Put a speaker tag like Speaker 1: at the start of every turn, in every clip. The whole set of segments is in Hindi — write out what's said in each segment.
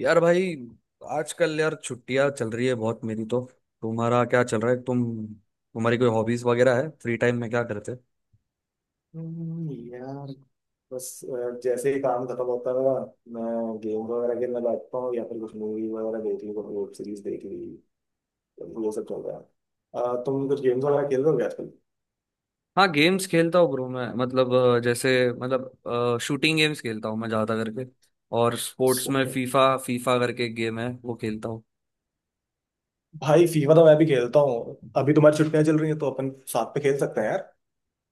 Speaker 1: यार भाई, आजकल यार छुट्टियां चल रही है बहुत मेरी तो। तुम्हारा क्या चल रहा है? तुम्हारी कोई हॉबीज वगैरह है? फ्री टाइम में क्या करते हो?
Speaker 2: यार बस जैसे ही काम खत्म होता है मेरा। मैं गेम वगैरह खेलने बैठता हूँ या फिर कुछ मूवी वगैरह देख ली कुछ वेब सीरीज देख ली। तो ये सब चल रहा है। तुम कुछ गेम्स वगैरह खेल रहे हो क्या आजकल?
Speaker 1: हाँ, गेम्स खेलता हूँ ब्रो। मैं मतलब जैसे मतलब शूटिंग गेम्स खेलता हूँ मैं ज़्यादा करके। और स्पोर्ट्स
Speaker 2: सही
Speaker 1: में
Speaker 2: है।
Speaker 1: फीफा, फीफा करके एक गेम है वो खेलता हूँ।
Speaker 2: भाई फीफा तो मैं भी खेलता हूँ, अभी तुम्हारी छुट्टियां चल रही हैं तो अपन साथ पे खेल सकते हैं यार।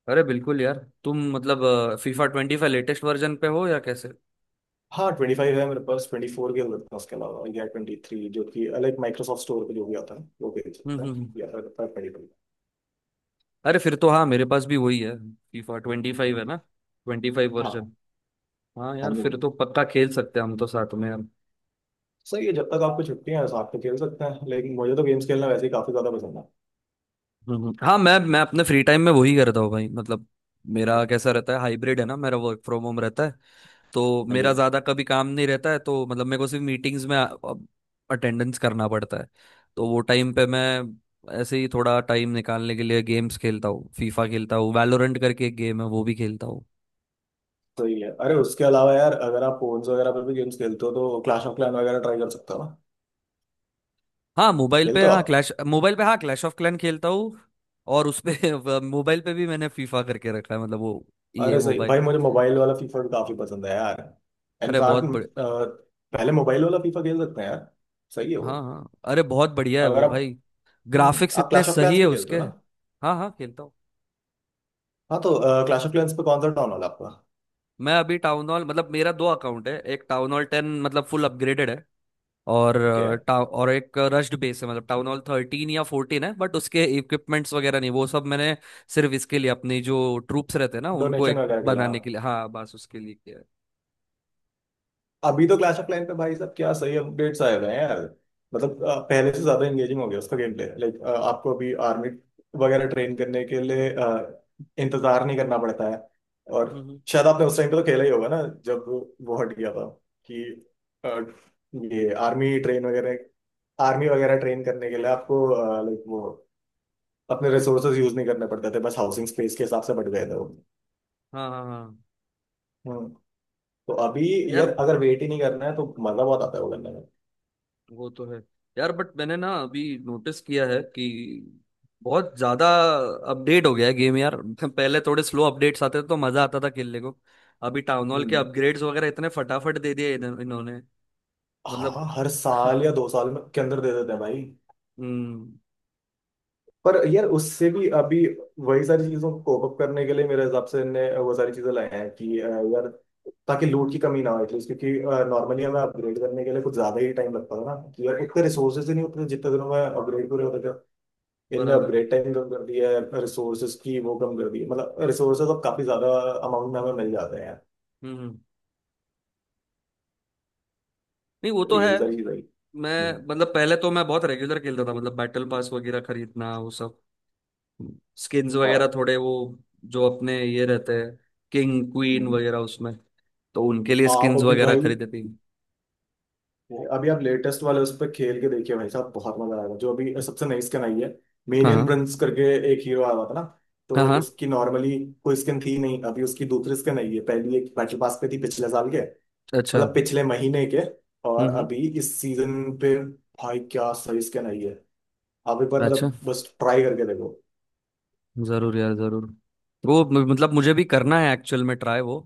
Speaker 1: अरे बिल्कुल यार। तुम मतलब FIFA twenty five latest version पे हो या कैसे?
Speaker 2: हाँ, ट्वेंटी फाइव है मेरे पास। ट्वेंटी फोर खेल सकते हैं उसके अलावा, या ट्वेंटी थ्री जो कि अलग माइक्रोसॉफ्ट स्टोर पे जो भी आता है वो खेल
Speaker 1: हम्म
Speaker 2: सकते हैं।
Speaker 1: हम्म हम्म।
Speaker 2: या फिर ट्वेंटी फाइव।
Speaker 1: अरे फिर तो हाँ, मेरे पास भी वही है। फीफा ट्वेंटी फाइव है ना, ट्वेंटी फाइव
Speaker 2: हाँ।
Speaker 1: वर्जन। हाँ
Speaker 2: हाँ
Speaker 1: यार,
Speaker 2: जी, हाँ।
Speaker 1: फिर तो पक्का खेल सकते हैं हम तो साथ में यार।
Speaker 2: सही है। जब तक आपको छुट्टियां हैं साथ में खेल सकते हैं, लेकिन मुझे तो गेम्स खेलना वैसे ही काफी ज्यादा पसंद है।
Speaker 1: हाँ, मैं अपने फ्री टाइम में वही करता हूँ भाई। मतलब मेरा कैसा रहता है, हाइब्रिड है ना, मेरा वर्क फ्रॉम होम रहता है। तो
Speaker 2: हाँ
Speaker 1: मेरा
Speaker 2: जी।
Speaker 1: ज़्यादा कभी काम नहीं रहता है, तो मतलब मेरे को सिर्फ मीटिंग्स में अटेंडेंस करना पड़ता है। तो वो टाइम पे मैं ऐसे ही थोड़ा टाइम निकालने के लिए गेम्स खेलता हूँ, फीफा खेलता हूँ, वैलोरेंट करके एक गेम है वो भी खेलता हूँ।
Speaker 2: सही है। अरे उसके अलावा यार, अगर आप फोन्स वगैरह पर भी गेम्स खेलते हो तो क्लैश ऑफ क्लैन वगैरह ट्राई कर सकते हो ना।
Speaker 1: हाँ मोबाइल पे,
Speaker 2: खेलते हो
Speaker 1: हाँ
Speaker 2: आप?
Speaker 1: क्लैश मोबाइल पे, हाँ क्लैश ऑफ क्लैन खेलता हूँ। और उसपे मोबाइल पे भी मैंने फीफा करके रखा है, मतलब वो ये
Speaker 2: अरे सही
Speaker 1: मोबाइल।
Speaker 2: भाई, मुझे मोबाइल वाला फीफा भी काफी पसंद है यार।
Speaker 1: अरे बहुत।
Speaker 2: इनफैक्ट पहले मोबाइल वाला फीफा खेल सकते हैं यार। सही है वो।
Speaker 1: हाँ हाँ, अरे बहुत बढ़िया है वो
Speaker 2: अगर आप,
Speaker 1: भाई। ग्राफिक्स
Speaker 2: आप
Speaker 1: इतने
Speaker 2: क्लैश ऑफ
Speaker 1: सही
Speaker 2: क्लैंस
Speaker 1: है
Speaker 2: पे खेलते
Speaker 1: उसके।
Speaker 2: हो ना?
Speaker 1: हाँ हाँ, खेलता हूँ।
Speaker 2: हाँ तो क्लैश ऑफ क्लैंस पे कौन सा टाउन वाला आपका?
Speaker 1: मैं अभी टाउन हॉल, मतलब मेरा दो अकाउंट है। एक टाउन हॉल टेन, मतलब फुल अपग्रेडेड है। और
Speaker 2: ओके।
Speaker 1: और एक रश्ड बेस है, मतलब टाउन हॉल थर्टीन या फोर्टीन है, बट उसके इक्विपमेंट्स वगैरह नहीं, वो सब मैंने सिर्फ इसके लिए, अपनी जो ट्रूप्स रहते हैं ना उनको
Speaker 2: डोनेशन
Speaker 1: एक
Speaker 2: वगैरह के लिए हाँ।
Speaker 1: बनाने के लिए, हाँ बस उसके लिए किया है।
Speaker 2: अभी तो क्लैश ऑफ क्लैन पे भाई साहब क्या सही अपडेट्स आए हुए हैं यार। मतलब पहले से ज्यादा एंगेजिंग हो गया उसका गेम प्ले। लाइक आपको अभी आर्मी वगैरह ट्रेन करने के लिए इंतजार नहीं करना पड़ता है। और
Speaker 1: हम्म हम्म।
Speaker 2: शायद आपने उस टाइम पे तो खेला ही होगा ना जब वो हट गया था कि अ, ये आर्मी ट्रेन वगैरह आर्मी वगैरह ट्रेन करने के लिए आपको लाइक वो अपने रिसोर्सेज यूज नहीं करने पड़ते थे, बस हाउसिंग स्पेस के हिसाब से बढ़ गए थे वो।
Speaker 1: हाँ हाँ हाँ।
Speaker 2: हम्म। तो अभी
Speaker 1: यार
Speaker 2: यार, अगर वेट ही नहीं करना है तो मजा बहुत आता है वो करने में।
Speaker 1: वो तो है, यार बट मैंने ना अभी नोटिस किया है कि बहुत ज्यादा अपडेट हो गया है गेम यार। पहले थोड़े स्लो अपडेट्स आते थे तो मजा आता था खेलने को। अभी टाउन हॉल के
Speaker 2: हम्म।
Speaker 1: अपग्रेड्स वगैरह इतने फटाफट दे दिए इन्होंने।
Speaker 2: हाँ,
Speaker 1: मतलब
Speaker 2: हर साल या दो साल में के अंदर दे देते हैं भाई।
Speaker 1: हम्म।
Speaker 2: पर यार उससे भी अभी वही सारी चीजों को कोप अप करने के लिए मेरे हिसाब से इनने वो सारी चीजें लाए हैं कि यार, ताकि लूट की कमी ना हो एटलीस्ट, क्योंकि नॉर्मली हमें अपग्रेड करने के लिए कुछ ज्यादा ही टाइम लगता था ना कि यार उतने रिसोर्सेज ही नहीं होते थे जितने दिनों में अपग्रेड पूरे होते थे। इनने
Speaker 1: बराबर।
Speaker 2: अपग्रेड टाइम कम कर दिया है, रिसोर्सेज की वो कम कर दी है, मतलब रिसोर्सेज अब काफी ज्यादा अमाउंट में हमें मिल जाते हैं।
Speaker 1: हम्म हम्म। नहीं वो
Speaker 2: तो
Speaker 1: तो
Speaker 2: यही
Speaker 1: है।
Speaker 2: सारी चीजें हैं।
Speaker 1: मैं
Speaker 2: हम्म,
Speaker 1: मतलब पहले तो मैं बहुत रेगुलर खेलता था, मतलब बैटल पास वगैरह खरीदना, वो सब स्किन्स वगैरह,
Speaker 2: हाँ,
Speaker 1: थोड़े वो जो अपने ये रहते हैं, किंग क्वीन
Speaker 2: हम्म।
Speaker 1: वगैरह उसमें, तो उनके लिए
Speaker 2: आप
Speaker 1: स्किन्स
Speaker 2: अभी
Speaker 1: वगैरह
Speaker 2: भाई,
Speaker 1: खरीदती।
Speaker 2: अभी आप लेटेस्ट वाले उस पर खेल के देखिए भाई साहब, बहुत मजा आएगा। जो अभी सबसे नई स्किन आई है
Speaker 1: हाँ
Speaker 2: मेनियन
Speaker 1: हाँ।
Speaker 2: प्रिंस करके, एक हीरो आया हुआ था ना,
Speaker 1: हाँ
Speaker 2: तो
Speaker 1: हाँ।
Speaker 2: उसकी नॉर्मली कोई स्किन थी नहीं। अभी उसकी दूसरी स्किन आई है, पहली एक बैटल पास पे थी पिछले साल के,
Speaker 1: अच्छा
Speaker 2: मतलब
Speaker 1: हम्म।
Speaker 2: पिछले महीने के। और
Speaker 1: हम्म।
Speaker 2: अभी इस सीजन पे भाई क्या सही स्किन आई है। आप एक बार
Speaker 1: अच्छा,
Speaker 2: मतलब बस ट्राई करके देखो।
Speaker 1: जरूर यार, जरूर। मतलब मुझे भी करना है एक्चुअल में ट्राई वो।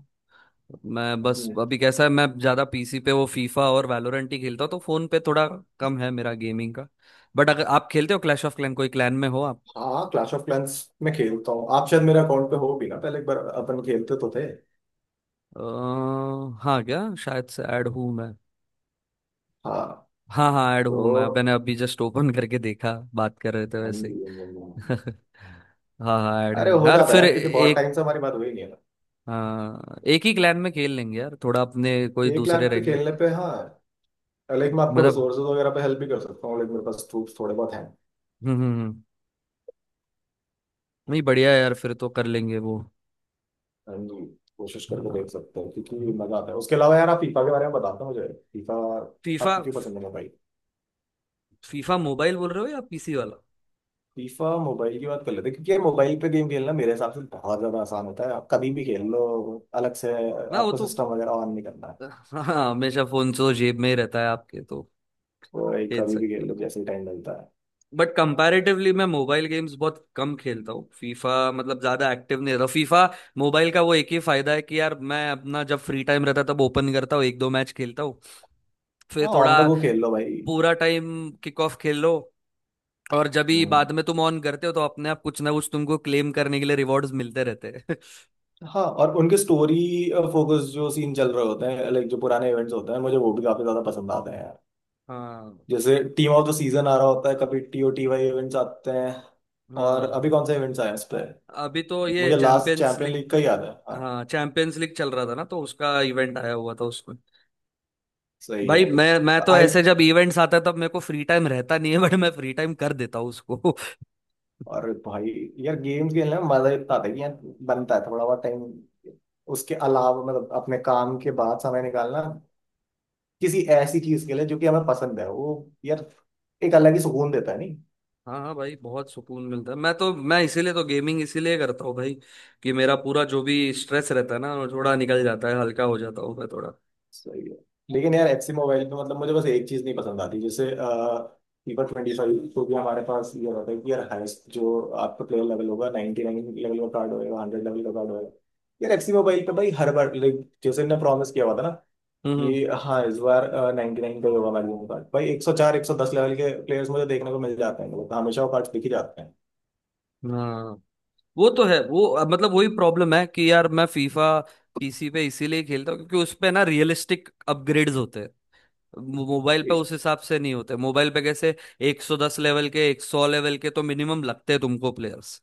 Speaker 1: मैं बस
Speaker 2: हम्म,
Speaker 1: अभी कैसा है, मैं ज्यादा पीसी पे वो फीफा और वैलोरेंट ही खेलता हूँ, तो फोन पे थोड़ा कम है मेरा गेमिंग का। बट अगर आप खेलते हो क्लैश ऑफ क्लैन, कोई क्लैन में हो आप?
Speaker 2: हाँ क्लैश ऑफ क्लैंस में खेलता हूँ। आप शायद मेरे अकाउंट पे हो भी ना, पहले एक बार अपन खेलते तो थे।
Speaker 1: अ, हाँ क्या, शायद से ऐड हूँ मैं।
Speaker 2: हाँ
Speaker 1: हाँ हाँ, ऐड हूँ मैं,
Speaker 2: तो,
Speaker 1: मैंने अभी जस्ट ओपन करके देखा, बात कर रहे थे
Speaker 2: हाँ जी,
Speaker 1: वैसे
Speaker 2: हाँ जी, हाँ जी।
Speaker 1: ही। हाँ हाँ, ऐड है
Speaker 2: अरे हो
Speaker 1: यार,
Speaker 2: जाता है
Speaker 1: फिर
Speaker 2: यार, क्योंकि बहुत
Speaker 1: एक,
Speaker 2: टाइम से हमारी बात हुई नहीं है ना।
Speaker 1: हाँ एक ही क्लैन में खेल लेंगे यार, थोड़ा अपने कोई
Speaker 2: एक
Speaker 1: दूसरे
Speaker 2: लाख पे
Speaker 1: रहेंगे।
Speaker 2: खेलने पे हाँ, लाइक मैं आपको
Speaker 1: मतलब
Speaker 2: रिसोर्सेज वगैरह पे हेल्प भी कर सकता हूँ, लाइक मेरे पास ट्रूप्स थोड़े बहुत हैं।
Speaker 1: हम्म हम्म हम्म। नहीं बढ़िया है यार, फिर तो कर लेंगे वो।
Speaker 2: And कोशिश
Speaker 1: हाँ
Speaker 2: करके देख सकते हो क्योंकि
Speaker 1: हाँ।
Speaker 2: मजा आता है। उसके अलावा यार आप फीफा के बारे में बताते हो मुझे। फीफा
Speaker 1: फीफा,
Speaker 2: आपको क्यों पसंद है, मोबाइल?
Speaker 1: फीफा मोबाइल बोल रहे हो या पीसी वाला?
Speaker 2: फीफा मोबाइल की बात कर लेते हैं, क्योंकि यार मोबाइल पे गेम खेलना मेरे हिसाब से बहुत ज्यादा आसान होता है। आप कभी भी खेल लो, अलग से
Speaker 1: ना वो
Speaker 2: आपको
Speaker 1: तो,
Speaker 2: सिस्टम वगैरह ऑन नहीं करना है।
Speaker 1: हाँ हमेशा फोन तो जेब में ही रहता है आपके तो,
Speaker 2: तो भाई
Speaker 1: खेल
Speaker 2: कभी भी
Speaker 1: सकते
Speaker 2: खेल
Speaker 1: हो।
Speaker 2: लो जैसे टाइम मिलता है।
Speaker 1: बट कंपैरेटिवली मैं मोबाइल गेम्स बहुत कम खेलता हूँ, फीफा मतलब ज्यादा एक्टिव नहीं रहता। फीफा मोबाइल का वो एक ही फायदा है कि यार मैं अपना जब फ्री टाइम रहता है, तब ओपन करता हूँ, एक दो मैच खेलता हूँ, फिर
Speaker 2: हाँ, ऑन द
Speaker 1: थोड़ा
Speaker 2: गो खेल लो भाई।
Speaker 1: पूरा टाइम किक ऑफ खेल लो, और जब भी
Speaker 2: हम्म।
Speaker 1: बाद में तुम ऑन करते हो तो अपने आप कुछ ना कुछ तुमको क्लेम करने के लिए रिवॉर्ड्स मिलते रहते हैं।
Speaker 2: हाँ, और उनके स्टोरी फोकस जो सीन चल रहे होते हैं, लाइक जो पुराने इवेंट्स होते हैं, मुझे वो भी काफी ज्यादा पसंद आते हैं यार।
Speaker 1: हाँ
Speaker 2: जैसे टीम ऑफ द सीजन आ रहा होता है, कभी टीओटी वाई इवेंट्स आते हैं। और
Speaker 1: हाँ।
Speaker 2: अभी
Speaker 1: हाँ।
Speaker 2: कौन से इवेंट्स आए हैं इस पे?
Speaker 1: अभी तो ये
Speaker 2: मुझे last
Speaker 1: champions
Speaker 2: champion
Speaker 1: league,
Speaker 2: league का ही याद है, हाँ।
Speaker 1: हाँ चैंपियंस लीग चल रहा था ना, तो उसका इवेंट आया हुआ था उसमें।
Speaker 2: सही है।
Speaker 1: भाई मैं
Speaker 2: और
Speaker 1: तो
Speaker 2: आई,
Speaker 1: ऐसे जब इवेंट्स आता है तब मेरे को फ्री टाइम रहता नहीं है, बट मैं फ्री टाइम कर देता हूँ उसको।
Speaker 2: और भाई यार गेम्स खेलने में मजा इतना आता है कि यार बनता है थोड़ा बहुत टाइम। उसके अलावा मतलब अपने काम के बाद समय निकालना किसी ऐसी चीज के लिए जो कि हमें पसंद है, वो यार एक अलग ही सुकून देता है।
Speaker 1: हाँ हाँ भाई, बहुत सुकून मिलता है। मैं तो मैं इसीलिए तो गेमिंग इसीलिए करता हूँ भाई, कि मेरा पूरा जो भी स्ट्रेस रहता है ना वो थोड़ा निकल जाता है, हल्का हो जाता हूँ मैं थोड़ा।
Speaker 2: सही है। लेकिन यार एफसी मोबाइल में मतलब मुझे बस एक चीज नहीं पसंद आती। जैसे फीफा ट्वेंटी फाइव तो भी हमारे पास ये होता है कि यार हाईएस्ट जो आपका प्लेयर लेवल होगा 99 लेवल का कार्ड होएगा, हंड्रेड लेवल का कार्ड होएगा। यार एफसी मोबाइल पे भाई हर बार लाइक जैसे इन्होंने प्रॉमिस किया हुआ था ना कि
Speaker 1: हम्म।
Speaker 2: हाँ इस बार नाइनटी नाइन का ही होगा मैक्सिमम कार्ड। भाई एक सौ चार, एक सौ दस लेवल के प्लेयर्स मुझे देखने को मिल जाते हैं, मतलब हमेशा वो कार्ड दिख ही जाते हैं।
Speaker 1: हाँ वो तो है। वो अब मतलब वही प्रॉब्लम है कि यार मैं फीफा पीसी पे इसीलिए खेलता हूँ, क्योंकि उस पे ना रियलिस्टिक अपग्रेड्स होते हैं। मोबाइल पे उस हिसाब से नहीं होते। मोबाइल पे कैसे 110 लेवल के, 100 लेवल के तो मिनिमम लगते हैं तुमको प्लेयर्स।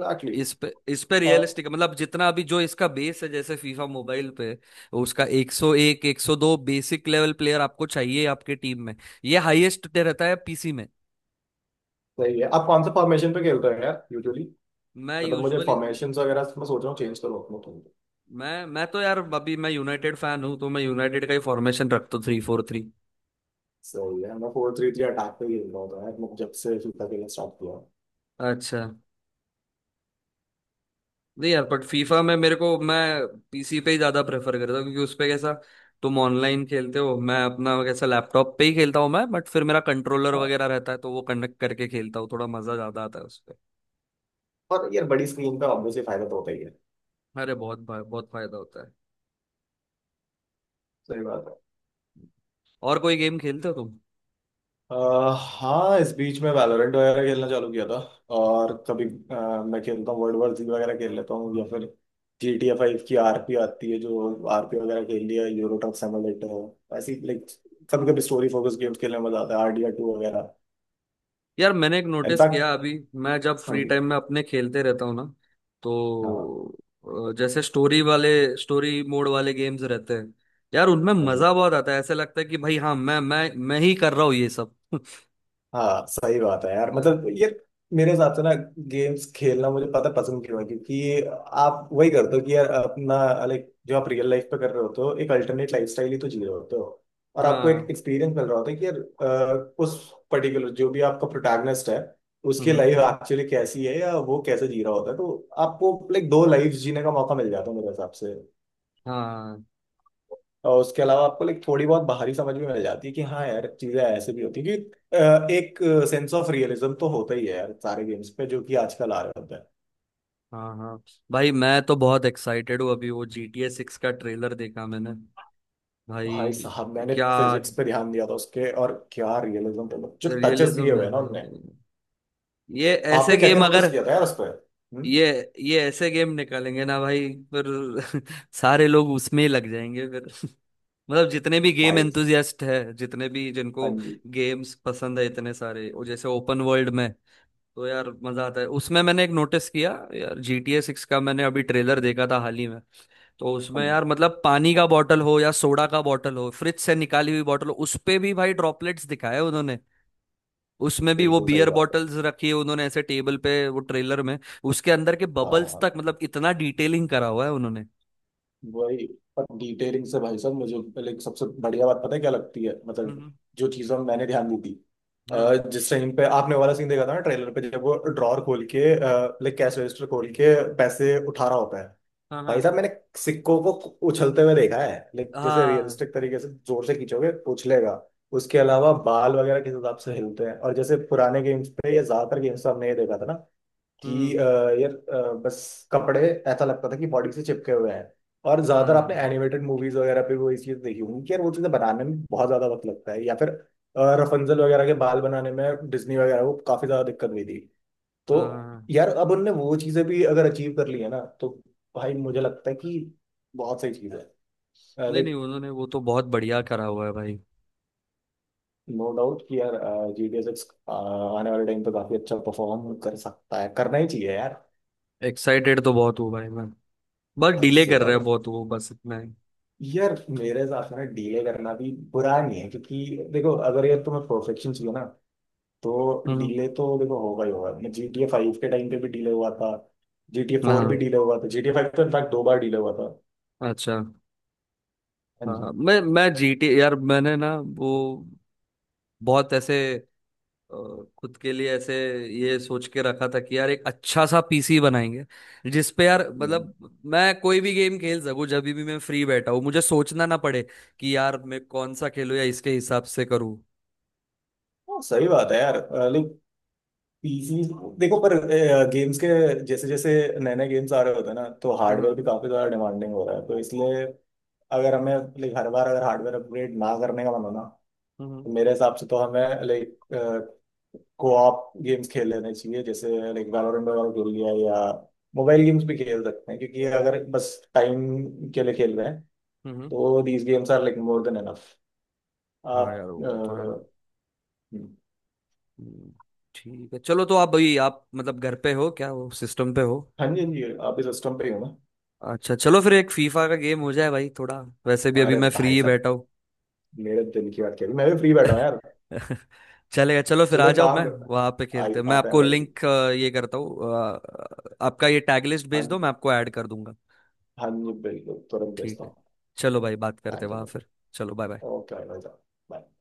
Speaker 2: एग्जैक्टली।
Speaker 1: इस पे, इस पे
Speaker 2: और
Speaker 1: रियलिस्टिक, मतलब जितना अभी जो इसका बेस है जैसे फीफा मोबाइल पे, उसका 101 102 बेसिक लेवल प्लेयर आपको चाहिए आपके टीम में। ये हाईएस्ट रहता है पीसी में।
Speaker 2: सही है। आप कौन सा फॉर्मेशन पे खेलते हो यार यूजुअली?
Speaker 1: मैं
Speaker 2: मतलब मुझे
Speaker 1: यूजुअली,
Speaker 2: फॉर्मेशन वगैरह मैं सोच रहा हूँ चेंज करूँ अपने।
Speaker 1: मैं तो यार अभी मैं यूनाइटेड फैन हूँ तो मैं यूनाइटेड का ही फॉर्मेशन रखता हूँ, थ्री फोर थ्री।
Speaker 2: सही है। मैं फोर थ्री थ्री अटैक पे ही खेल रहा होता है मैं जब से फीफा खेलना स्टार्ट किया है।
Speaker 1: अच्छा। नहीं यार, बट फीफा में मेरे को, मैं पीसी पे ही ज्यादा प्रेफर करता हूँ, क्योंकि उस पे कैसा, तुम ऑनलाइन खेलते हो। मैं अपना कैसा लैपटॉप पे ही खेलता हूँ मैं, बट फिर मेरा कंट्रोलर
Speaker 2: हाँ,
Speaker 1: वगैरह रहता है, तो वो कनेक्ट करके खेलता हूँ, थोड़ा मजा ज्यादा आता है उस पे।
Speaker 2: पर यार बड़ी स्क्रीन पे ऑब्वियसली फायदा तो होता ही है।
Speaker 1: अरे बहुत बहुत फायदा होता है।
Speaker 2: सही बात है।
Speaker 1: और कोई गेम खेलते हो?
Speaker 2: अह, हाँ, इस बीच में वैलोरेंट वगैरह खेलना चालू किया था। और कभी मैं खेलता हूँ वर्ल्ड वॉर जी वगैरह खेल लेता हूँ, या फिर जी टी ए फाइव की आरपी आती है, जो आरपी वगैरह खेल लिया, यूरो ट्रक सिमुलेटर, ऐसी लाइक कभी कभी स्टोरी फोकस गेम्स खेलने में मजा आता है, आर डी आर टू वगैरह।
Speaker 1: यार मैंने एक नोटिस
Speaker 2: इनफैक्ट।
Speaker 1: किया अभी, मैं जब
Speaker 2: हाँ
Speaker 1: फ्री
Speaker 2: जी।
Speaker 1: टाइम में अपने खेलते रहता हूँ ना,
Speaker 2: हाँ,
Speaker 1: तो जैसे स्टोरी वाले, स्टोरी मोड वाले गेम्स रहते हैं, यार उनमें
Speaker 2: हाँ,
Speaker 1: मजा बहुत आता है। ऐसे लगता है कि भाई हाँ, मैं ही कर रहा हूँ ये सब।
Speaker 2: हाँ। सही बात है यार,
Speaker 1: अ,
Speaker 2: मतलब ये मेरे हिसाब से ना गेम्स खेलना मुझे पता पसंद क्यों है, क्योंकि आप वही करते हो कि यार अपना, लाइक जो आप रियल लाइफ पे कर रहे होते हो एक अल्टरनेट लाइफ स्टाइल ही तो जी रहे होते हो। और आपको एक
Speaker 1: हाँ।
Speaker 2: एक्सपीरियंस मिल रहा होता है कि यार उस पर्टिकुलर जो भी आपका प्रोटैगनिस्ट है उसकी
Speaker 1: हम्म,
Speaker 2: लाइफ एक्चुअली कैसी है या वो कैसे जी रहा होता है, तो आपको लाइक दो लाइफ जीने का मौका मिल जाता है मेरे हिसाब से।
Speaker 1: हाँ।
Speaker 2: और उसके अलावा आपको लाइक थोड़ी बहुत बाहरी समझ भी मिल जाती है कि हाँ यार चीजें ऐसे भी होती है कि एक सेंस ऑफ रियलिज्म तो होता ही है यार सारे गेम्स पे जो कि आजकल आ रहे होते हैं।
Speaker 1: हाँ हाँ भाई मैं तो बहुत एक्साइटेड हूँ, अभी वो जी टी ए सिक्स का ट्रेलर देखा मैंने
Speaker 2: भाई
Speaker 1: भाई,
Speaker 2: साहब मैंने
Speaker 1: क्या
Speaker 2: फिजिक्स पे ध्यान दिया था उसके, और क्या रियलिज्म पे जो टचेस दिए
Speaker 1: रियलिज्म
Speaker 2: हुए
Speaker 1: है
Speaker 2: हैं ना उनने।
Speaker 1: भाई! ये ऐसे
Speaker 2: आपने क्या क्या
Speaker 1: गेम
Speaker 2: नोटिस
Speaker 1: अगर,
Speaker 2: किया था यार उस पर? हम्म।
Speaker 1: ये ये ऐसे गेम निकालेंगे ना भाई फिर सारे लोग उसमें ही लग जाएंगे फिर। मतलब जितने भी गेम
Speaker 2: भाई।
Speaker 1: एंथुजियास्ट है, जितने भी
Speaker 2: हाँ
Speaker 1: जिनको
Speaker 2: जी,
Speaker 1: गेम्स पसंद है, इतने सारे वो जैसे ओपन वर्ल्ड में, तो यार मजा आता है उसमें। मैंने एक नोटिस किया यार, जी टी ए सिक्स का मैंने अभी ट्रेलर देखा था हाल ही में, तो
Speaker 2: हाँ
Speaker 1: उसमें
Speaker 2: जी,
Speaker 1: यार मतलब पानी का बॉटल हो या सोडा का बॉटल हो, फ्रिज से निकाली हुई बॉटल हो, उस पे भी भाई ड्रॉपलेट्स दिखाए उन्होंने। उसमें भी वो
Speaker 2: बिल्कुल सही
Speaker 1: बियर
Speaker 2: बात है।
Speaker 1: बॉटल्स रखी है उन्होंने ऐसे टेबल पे, वो ट्रेलर में उसके अंदर के बबल्स
Speaker 2: हाँ,
Speaker 1: तक, मतलब इतना डिटेलिंग करा हुआ है उन्होंने।
Speaker 2: वही। पर डिटेलिंग से भाई साहब मुझे पहले सबसे बढ़िया बात पता है क्या लगती है, मतलब
Speaker 1: हम्म।
Speaker 2: जो चीजों में मैंने ध्यान दी थी,
Speaker 1: हाँ
Speaker 2: जिस टाइम पे आपने वो वाला सीन देखा था ना ट्रेलर पे, जब वो ड्रॉर खोल के, लाइक कैश रजिस्टर खोल के पैसे उठा रहा होता है।
Speaker 1: हाँ।
Speaker 2: भाई साहब
Speaker 1: हाँ
Speaker 2: मैंने सिक्कों को उछलते हुए देखा है, लाइक जैसे
Speaker 1: हाँ।
Speaker 2: रियलिस्टिक तरीके से जोर से खींचोगे उछलेगा। उसके अलावा बाल वगैरह किस हिसाब से हिलते हैं, और जैसे पुराने गेम्स पे या ज्यादातर गेम्स पे हमने ये देखा था ना कि
Speaker 1: हम्म।
Speaker 2: यार बस कपड़े ऐसा लगता था कि बॉडी से चिपके हुए हैं। और ज्यादातर आपने
Speaker 1: हाँ
Speaker 2: एनिमेटेड मूवीज वगैरह पे वो ये चीज देखी होंगी कि यार वो चीजें बनाने में बहुत ज्यादा वक्त लगता है, या फिर रफंजल वगैरह के बाल बनाने में डिज्नी वगैरह को काफी ज्यादा दिक्कत हुई थी। तो
Speaker 1: हाँ।
Speaker 2: यार अब उनने वो चीजें भी अगर अचीव कर ली है ना, तो भाई मुझे लगता है कि बहुत सही चीज है।
Speaker 1: नहीं
Speaker 2: लाइक
Speaker 1: नहीं, उन्होंने वो तो बहुत बढ़िया करा हुआ है भाई।
Speaker 2: नो डाउट कि यार जी डी एस एक्स आने वाले टाइम पे काफी अच्छा परफॉर्म कर सकता है, करना ही चाहिए यार।
Speaker 1: एक्साइटेड तो बहुत हूँ भाई मैं, बस
Speaker 2: हद
Speaker 1: डिले
Speaker 2: से
Speaker 1: कर रहे हैं
Speaker 2: ज्यादा।
Speaker 1: बहुत वो, बस इतना ही।
Speaker 2: यार मेरे हिसाब से ना डीले करना भी बुरा नहीं है, क्योंकि देखो अगर यार तुम्हें परफेक्शन चाहिए ना, तो
Speaker 1: हम्म।
Speaker 2: डीले तो देखो होगा ही होगा। मैं जी टी ए फाइव के टाइम पे भी डीले हुआ था। जी टी ए फोर भी
Speaker 1: हाँ।
Speaker 2: डीले हुआ था, जी टी ए फाइव तो इनफैक्ट दो बार डीले हुआ था।
Speaker 1: अच्छा।
Speaker 2: हाँ जी।
Speaker 1: हाँ, मैं जीटी, यार मैंने ना वो बहुत ऐसे, और खुद के लिए ऐसे ये सोच के रखा था कि यार एक अच्छा सा पीसी बनाएंगे, जिस पे यार
Speaker 2: हम्म।
Speaker 1: मतलब मैं कोई भी गेम खेल सकूं, जब भी मैं फ्री बैठा हूं मुझे सोचना ना पड़े कि यार मैं कौन सा खेलूं या इसके हिसाब से करूं।
Speaker 2: हाँ, सही बात है यार। लाइक पीसी देखो, पर गेम्स के जैसे जैसे नए नए गेम्स आ रहे होते हैं ना, तो
Speaker 1: हम्म
Speaker 2: हार्डवेयर भी काफी ज्यादा डिमांडिंग हो रहा है तो इसलिए अगर हमें, लाइक हर बार अगर हार्डवेयर अपग्रेड ना करने का मन हो ना,
Speaker 1: हम्म
Speaker 2: तो मेरे हिसाब से तो हमें लाइक कोऑप गेम्स खेल लेने चाहिए, जैसे लाइक वैलोरेंट वगैरह खेल लिया या मोबाइल गेम्स भी खेल सकते हैं, क्योंकि अगर बस टाइम के लिए खेल रहे हैं
Speaker 1: हम्म।
Speaker 2: तो these games are like more than enough. आप
Speaker 1: हाँ यार
Speaker 2: अ,
Speaker 1: वो तो है।
Speaker 2: हम्म,
Speaker 1: हम्म। ठीक है, चलो तो आप भाई, आप मतलब घर पे हो क्या, वो सिस्टम पे हो?
Speaker 2: हाँ जी, हाँ जी, आप इस सिस्टम पे ही हो ना?
Speaker 1: अच्छा चलो, फिर एक फीफा का गेम हो जाए भाई थोड़ा, वैसे भी अभी
Speaker 2: अरे
Speaker 1: मैं फ्री
Speaker 2: भाई
Speaker 1: ही
Speaker 2: साहब,
Speaker 1: बैठा हूँ।
Speaker 2: मेरे दिल की बात कह रही, मैं भी फ्री बैठा हूँ यार।
Speaker 1: चलेगा, चलो फिर
Speaker 2: चलो
Speaker 1: आ
Speaker 2: एक
Speaker 1: जाओ,
Speaker 2: काम
Speaker 1: मैं
Speaker 2: करता
Speaker 1: वहां पे
Speaker 2: है, आई
Speaker 1: खेलते हैं। मैं
Speaker 2: आता है
Speaker 1: आपको
Speaker 2: भाई।
Speaker 1: लिंक ये करता हूँ। आपका ये टैग लिस्ट
Speaker 2: हाँ,
Speaker 1: भेज दो, मैं आपको ऐड कर दूंगा।
Speaker 2: हाँ जी बिल्कुल तुरंत
Speaker 1: ठीक
Speaker 2: भेजता
Speaker 1: है,
Speaker 2: हूँ।
Speaker 1: चलो भाई, बात करते हैं
Speaker 2: थैंक यू।
Speaker 1: वहां फिर। चलो, बाय बाय।
Speaker 2: ओके भाई साहब। Bye.